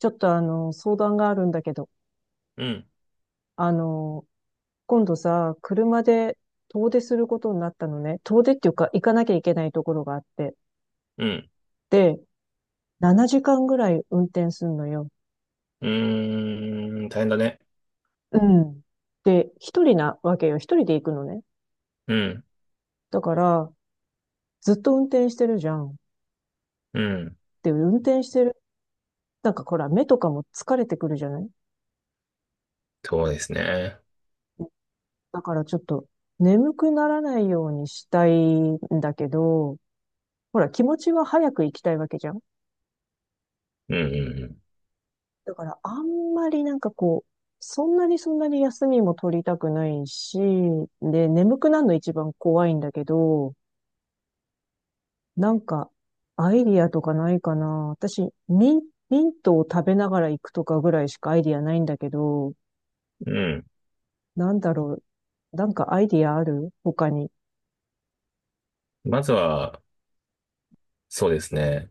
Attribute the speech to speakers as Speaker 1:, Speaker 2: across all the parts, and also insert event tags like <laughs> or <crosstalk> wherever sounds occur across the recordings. Speaker 1: ちょっと相談があるんだけど、
Speaker 2: うん、
Speaker 1: あの、今度さ、車で遠出することになったのね。遠出っていうか、行かなきゃいけないところがあって。
Speaker 2: うん、
Speaker 1: で、7時間ぐらい運転すんのよ。
Speaker 2: うーん、大変だね。
Speaker 1: うん。で、一人なわけよ。一人で行くのね。
Speaker 2: うん、
Speaker 1: だから、ずっと運転してるじゃん。
Speaker 2: うん、
Speaker 1: で、運転してる。なんかほら、目とかも疲れてくるじゃない？
Speaker 2: そうですね。
Speaker 1: だからちょっと、眠くならないようにしたいんだけど、ほら、気持ちは早く行きたいわけじゃん。
Speaker 2: うん、
Speaker 1: だからあんまり、そんなに休みも取りたくないし、で、眠くなるの一番怖いんだけど、なんか、アイディアとかないかな。私、ミントを食べながら行くとかぐらいしかアイディアないんだけど、
Speaker 2: うん、うん。
Speaker 1: なんだろう。なんかアイディアある他に？
Speaker 2: まずは、そうですね。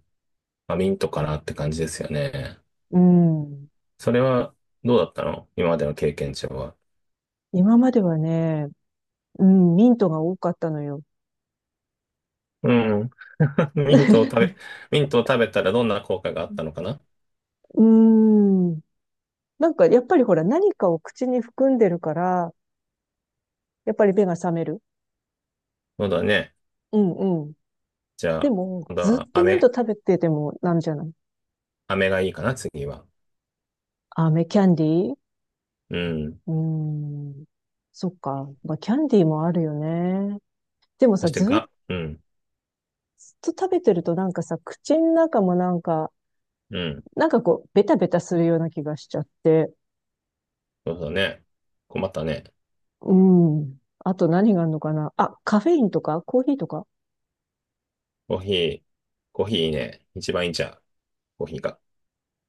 Speaker 2: まあ、ミントかなって感じですよね。
Speaker 1: うん。
Speaker 2: それは、どうだったの今までの経験値は。
Speaker 1: 今まではね、うん、ミントが多かったのよ。
Speaker 2: うん。<laughs> ミントを食べ、
Speaker 1: <laughs>
Speaker 2: ミントを食べたらどんな効果があったのかな？
Speaker 1: うーん。なんかやっぱりほら何かを口に含んでるから、やっぱり目が覚める。
Speaker 2: そうだね。
Speaker 1: うんうん。
Speaker 2: じゃ
Speaker 1: で
Speaker 2: あ、
Speaker 1: も、
Speaker 2: 今度
Speaker 1: ず
Speaker 2: は
Speaker 1: っとミント
Speaker 2: 飴、
Speaker 1: 食べててもなんじゃない？
Speaker 2: 飴がいいかな、次は。
Speaker 1: 飴キャンディー、
Speaker 2: うん。
Speaker 1: うーん。そっか。まあ、キャンディーもあるよね。でも
Speaker 2: そ
Speaker 1: さ、
Speaker 2: して
Speaker 1: ずっ
Speaker 2: が、うん、
Speaker 1: と食べてるとなんかさ、口の中もなんか、
Speaker 2: うん。
Speaker 1: なんかこう、ベタベタするような気がしちゃって。
Speaker 2: そうだね。困ったね。
Speaker 1: うん。あと何があるのかなあ、カフェインとかコーヒーとか。
Speaker 2: コーヒー、コーヒーいいね。一番いいんちゃう？コーヒーが。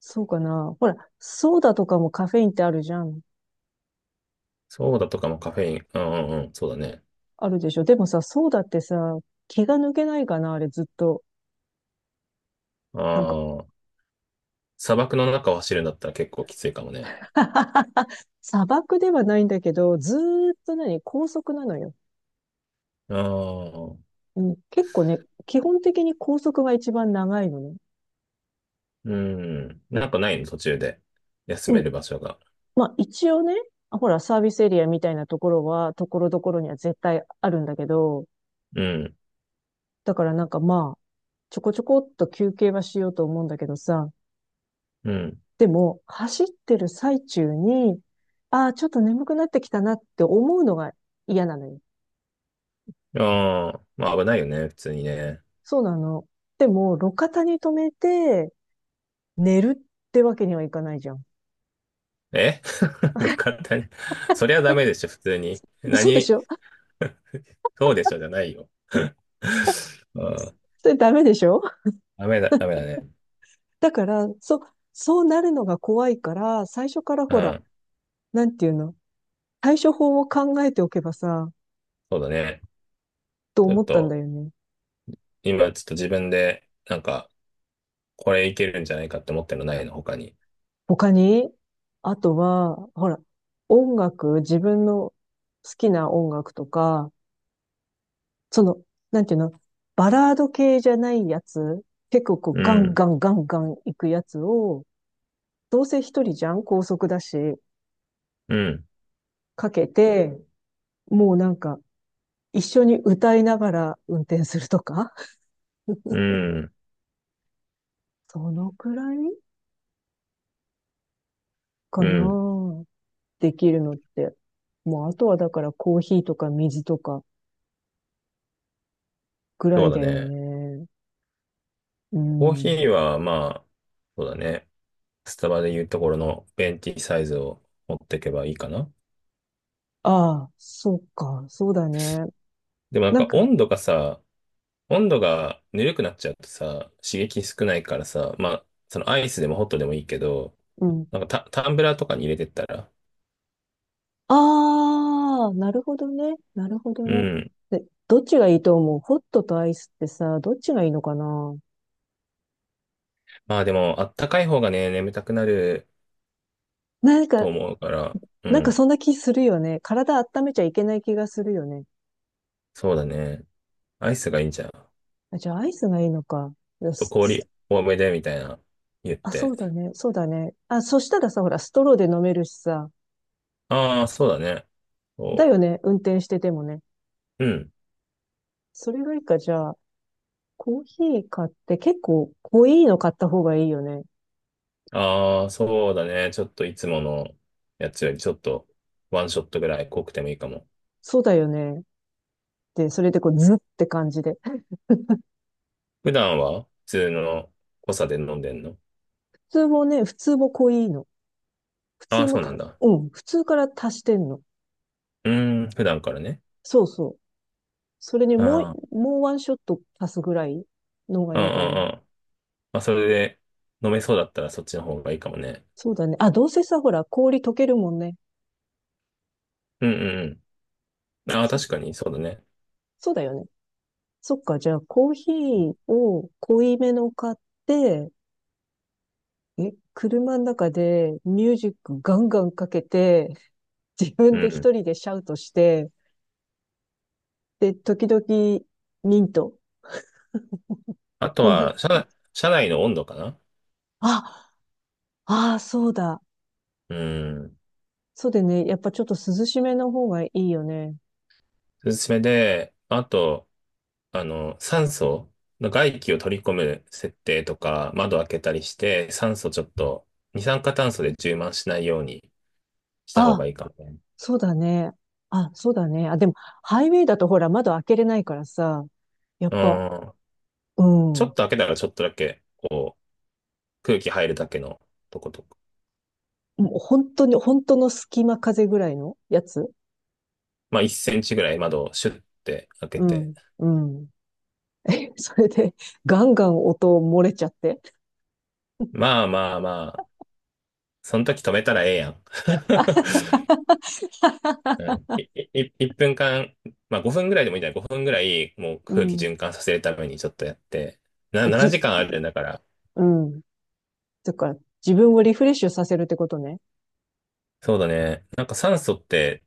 Speaker 1: そうかなほら、ソーダとかもカフェインってあるじゃん。
Speaker 2: ソーダとかもカフェイン。うんうんうん、そうだね。
Speaker 1: あるでしょ？でもさ、ソーダってさ、気が抜けないかなあれずっと。
Speaker 2: あ
Speaker 1: なんか。
Speaker 2: あ、砂漠の中を走るんだったら結構きついかもね。
Speaker 1: <laughs> 砂漠ではないんだけど、ずーっと何、高速なのよ。
Speaker 2: ああ、
Speaker 1: うん、結構ね、基本的に高速が一番長いのね。
Speaker 2: うん。なんかないの途中で。休
Speaker 1: う
Speaker 2: め
Speaker 1: ん。
Speaker 2: る場所が。
Speaker 1: まあ一応ね、あほら、サービスエリアみたいなところは、ところどころには絶対あるんだけど、
Speaker 2: うん、
Speaker 1: だからなんかまあ、ちょこちょこっと休憩はしようと思うんだけどさ、
Speaker 2: うん。
Speaker 1: でも、走ってる最中に、ああ、ちょっと眠くなってきたなって思うのが嫌なのよ。
Speaker 2: ああ、まあ危ないよね、普通にね。
Speaker 1: そうなの。でも、路肩に止めて寝るってわけにはいかないじゃん。
Speaker 2: え <laughs> どかったね。そりゃダメでしょ、普通に。
Speaker 1: <laughs> そうでし
Speaker 2: 何、
Speaker 1: ょ？
Speaker 2: そうでしょ、じゃないよ。<laughs> うん、
Speaker 1: それダメでしょ？
Speaker 2: ダメだ、ダメだね。
Speaker 1: だから、そうなるのが怖いから、最初から
Speaker 2: う
Speaker 1: ほら、
Speaker 2: ん、
Speaker 1: なんていうの？対処法を考えておけばさ、
Speaker 2: そうだね。
Speaker 1: と
Speaker 2: ちょっ
Speaker 1: 思ったん
Speaker 2: と、
Speaker 1: だよね。
Speaker 2: 今ちょっと自分で、なんか、これいけるんじゃないかって思ってるのないの、他に。
Speaker 1: 他に？あとは、ほら、音楽、自分の好きな音楽とか、その、なんていうの？バラード系じゃないやつ、結構こう
Speaker 2: う
Speaker 1: ガンガ
Speaker 2: ん、
Speaker 1: ンガンガン行くやつを、どうせ一人じゃん高速だし、
Speaker 2: うん、
Speaker 1: かけて、もうなんか、一緒に歌いながら運転するとか、<laughs>
Speaker 2: うん、
Speaker 1: そのくらい
Speaker 2: う
Speaker 1: かな。
Speaker 2: ん。
Speaker 1: できるのって。もうあとはだからコーヒーとか水とかぐら
Speaker 2: そう
Speaker 1: い
Speaker 2: だ
Speaker 1: だよ
Speaker 2: ね。
Speaker 1: ね。う
Speaker 2: コーヒ
Speaker 1: ん。
Speaker 2: ーは、まあ、そうだね。スタバで言うところのベンティサイズを持っていけばいいかな。
Speaker 1: ああ、そうか、そうだね。
Speaker 2: でもなん
Speaker 1: なん
Speaker 2: か
Speaker 1: か、
Speaker 2: 温度がさ、温度がぬるくなっちゃうとさ、刺激少ないからさ、まあ、そのアイスでもホットでもいいけど、
Speaker 1: うん。
Speaker 2: なんかタンブラーとかに入れてったら、
Speaker 1: ああ、なるほどね。なるほど
Speaker 2: う
Speaker 1: ね。
Speaker 2: ん。
Speaker 1: で、どっちがいいと思うホットとアイスってさ、どっちがいいのかな？
Speaker 2: まあでも、あったかい方がね、眠たくなる
Speaker 1: なん
Speaker 2: と
Speaker 1: か、
Speaker 2: 思うから、う
Speaker 1: なんか
Speaker 2: ん。
Speaker 1: そんな気するよね。体温めちゃいけない気がするよね。
Speaker 2: そうだね。アイスがいいんじゃん。ちょっ
Speaker 1: あ、じゃあアイスがいいのか。よ
Speaker 2: と
Speaker 1: し、
Speaker 2: 氷多めでみたいな言っ
Speaker 1: あ、そ
Speaker 2: て。
Speaker 1: うだね。そうだね。あ、そしたらさ、ほら、ストローで飲めるしさ。
Speaker 2: ああ、そうだね。
Speaker 1: だ
Speaker 2: そ
Speaker 1: よね。運転しててもね。
Speaker 2: う。うん。
Speaker 1: それがいいか、じゃあ、コーヒー買って結構濃いの買った方がいいよね。
Speaker 2: ああ、そうだね。ちょっといつものやつよりちょっとワンショットぐらい濃くてもいいかも。
Speaker 1: そうだよね。で、それでこう、ズって感じで。
Speaker 2: 普段は普通の濃さで飲んでんの？
Speaker 1: 普通もね、普通も濃いの。普
Speaker 2: ああ
Speaker 1: 通
Speaker 2: ー、
Speaker 1: も
Speaker 2: そうなん
Speaker 1: た、
Speaker 2: だ。
Speaker 1: うん、普通から足してんの。
Speaker 2: うーん、普段からね。
Speaker 1: そうそう。それに
Speaker 2: ああ、
Speaker 1: もうワンショット足すぐらいの方がい
Speaker 2: う
Speaker 1: い
Speaker 2: んう
Speaker 1: のかな。
Speaker 2: んうん。まあ、それで飲めそうだったらそっちの方がいいかもね。
Speaker 1: そうだね。あ、どうせさ、ほら、氷溶けるもんね。
Speaker 2: うんうんうん。ああ、
Speaker 1: そ、
Speaker 2: 確かにそうだね。
Speaker 1: そうだよね。そっか、じゃあコーヒーを濃いめの買って、え、車の中でミュージックガンガンかけて、<laughs> 自分
Speaker 2: う
Speaker 1: で
Speaker 2: ん。
Speaker 1: 一人でシャウトして、で、時々ミント、
Speaker 2: あと
Speaker 1: こんな、
Speaker 2: は、車、車内の温度かな？
Speaker 1: あ、ああ、そうだ。
Speaker 2: うん。
Speaker 1: そうね、やっぱちょっと涼しめの方がいいよね。
Speaker 2: おすすめで、あと、あの、酸素の外気を取り込む設定とか、窓開けたりして、酸素ちょっと、二酸化炭素で充満しないようにした方
Speaker 1: あ、
Speaker 2: がいいかもね。
Speaker 1: そうだね。あ、そうだね。あ、でも、ハイウェイだとほら、窓開けれないからさ、やっ
Speaker 2: う
Speaker 1: ぱ、
Speaker 2: ん。
Speaker 1: う
Speaker 2: ちょっ
Speaker 1: ん。
Speaker 2: と開けたらちょっとだけ、こう、空気入るだけのとことか。
Speaker 1: もう本当に、本当の隙間風ぐらいのやつ。
Speaker 2: まあ、1センチぐらい窓をシュッて開け
Speaker 1: う
Speaker 2: て。
Speaker 1: ん、うん。<laughs> え、それで、ガンガン音漏れちゃって。
Speaker 2: まあまあまあ、その時止めたらええやん。<laughs> う
Speaker 1: <laughs>
Speaker 2: ん、い、い、い1分間、まあ5分ぐらいでもいいんじゃない？ 5 分ぐらい、もう
Speaker 1: う
Speaker 2: 空気
Speaker 1: ん。
Speaker 2: 循環させるためにちょっとやって。な、
Speaker 1: じ、
Speaker 2: 7時間あるんだから。
Speaker 1: うん。だから、自分をリフレッシュさせるってことね。
Speaker 2: そうだね。なんか酸素って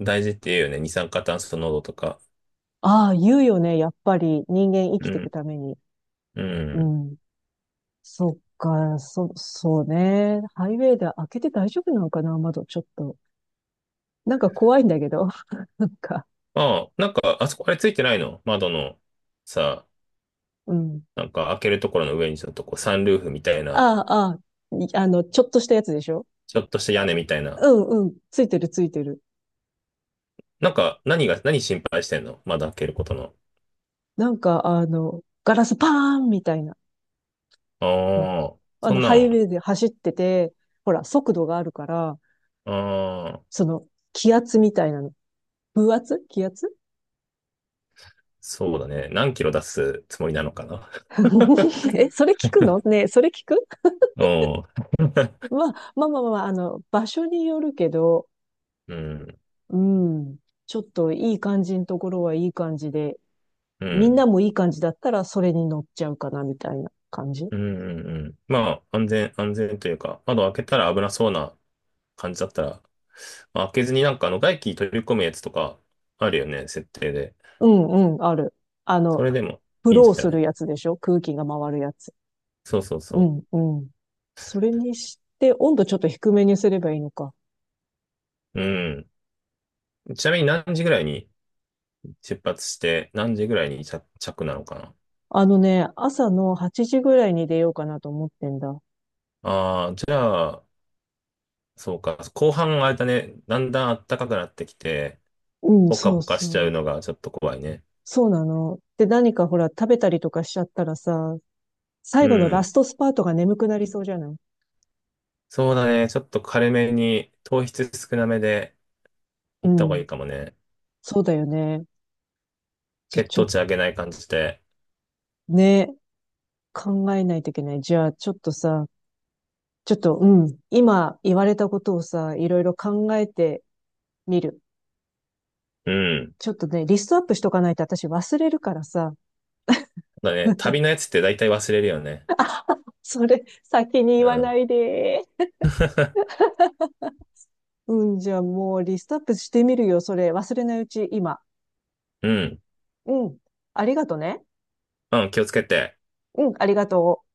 Speaker 2: 大事って言うよね。二酸化炭素濃度とか。
Speaker 1: ああ、言うよね。やっぱり人間生
Speaker 2: う
Speaker 1: きていく
Speaker 2: ん。
Speaker 1: ために。
Speaker 2: う
Speaker 1: う
Speaker 2: ん。
Speaker 1: ん。そっか、そうね。ハイウェイで開けて大丈夫なのかな窓、ちょっと。なんか怖いんだけど。<laughs> なんか、
Speaker 2: ああ、なんか、あそこあれついてないの窓のさ、
Speaker 1: うん。
Speaker 2: なんか開けるところの上にちょっとこうサンルーフみたいな、
Speaker 1: ああ、ああ、い、あの、ちょっとしたやつでしょ？
Speaker 2: ちょっとした屋
Speaker 1: あ、
Speaker 2: 根みたい
Speaker 1: う
Speaker 2: な。
Speaker 1: ん、うん。ついてる、ついてる。
Speaker 2: なんか、何が、何心配してんの窓開けることの。
Speaker 1: なんか、あの、ガラスパーンみたいな。
Speaker 2: あ
Speaker 1: うん、
Speaker 2: あ、
Speaker 1: あ
Speaker 2: そ
Speaker 1: の、
Speaker 2: んな
Speaker 1: ハイウ
Speaker 2: ん。
Speaker 1: ェイで走ってて、ほら、速度があるから、
Speaker 2: あ、
Speaker 1: その、気圧みたいなの。風圧気圧。
Speaker 2: そうだね。何キロ出すつもりなのかな？
Speaker 1: <laughs>
Speaker 2: <laughs>
Speaker 1: え、それ聞くのねえ、それ聞く、
Speaker 2: おう、
Speaker 1: まあ、あの、場所によるけど、
Speaker 2: うん、
Speaker 1: うん、ちょっといい感じのところはいい感じで、
Speaker 2: う
Speaker 1: みん
Speaker 2: ん、
Speaker 1: なもいい感じだったらそれに乗っちゃうかな、みたいな感じ。
Speaker 2: うん、うん。うんまあ、安全、安全というか、窓開けたら危なそうな感じだったら、まあ開けずになんかあの外気取り込むやつとかあるよね、設定で。
Speaker 1: うんうん、ある。あ
Speaker 2: そ
Speaker 1: の、
Speaker 2: れでも
Speaker 1: フ
Speaker 2: いいん
Speaker 1: ロ
Speaker 2: じ
Speaker 1: ー
Speaker 2: ゃ
Speaker 1: す
Speaker 2: な
Speaker 1: る
Speaker 2: い？
Speaker 1: やつでしょ？空気が回るやつ。
Speaker 2: そうそう
Speaker 1: う
Speaker 2: そ
Speaker 1: ん、うん。それにして、温度ちょっと低めにすればいいのか。
Speaker 2: う。うん。ちなみに何時ぐらいに出発して、何時ぐらいに着なのかな？
Speaker 1: あのね、朝の8時ぐらいに出ようかなと思ってんだ。
Speaker 2: ああー、じゃあ、そうか。後半あれだね、だんだん暖かくなってきて、
Speaker 1: うん、
Speaker 2: ポカ
Speaker 1: そう
Speaker 2: ポカしちゃ
Speaker 1: そ
Speaker 2: う
Speaker 1: う。
Speaker 2: のがちょっと怖いね。
Speaker 1: そうなの。で、何かほら、食べたりとかしちゃったらさ、
Speaker 2: う
Speaker 1: 最後のラ
Speaker 2: ん。
Speaker 1: ストスパートが眠くなりそうじゃない？
Speaker 2: そうだね。ちょっと軽めに、糖質少なめで
Speaker 1: う
Speaker 2: 行った方がいい
Speaker 1: ん。
Speaker 2: かもね。
Speaker 1: そうだよね。じゃ、
Speaker 2: 血
Speaker 1: ち
Speaker 2: 糖
Speaker 1: ょ、
Speaker 2: 値上げない感じで。
Speaker 1: ね、考えないといけない。じゃあ、ちょっとさ、ちょっと、うん。今言われたことをさ、いろいろ考えてみる。
Speaker 2: うん。
Speaker 1: ちょっとね、リストアップしとかないと私忘れるからさ。
Speaker 2: だね。旅のやつって大体忘れるよね。
Speaker 1: それ、先に言
Speaker 2: う
Speaker 1: わな
Speaker 2: ん。
Speaker 1: いで。
Speaker 2: <laughs>
Speaker 1: うん、じゃあもうリストアップしてみるよ、それ。忘れないうち、今。
Speaker 2: うん。
Speaker 1: うん。ありがとね。
Speaker 2: うん、気をつけて。
Speaker 1: うん、ありがとう。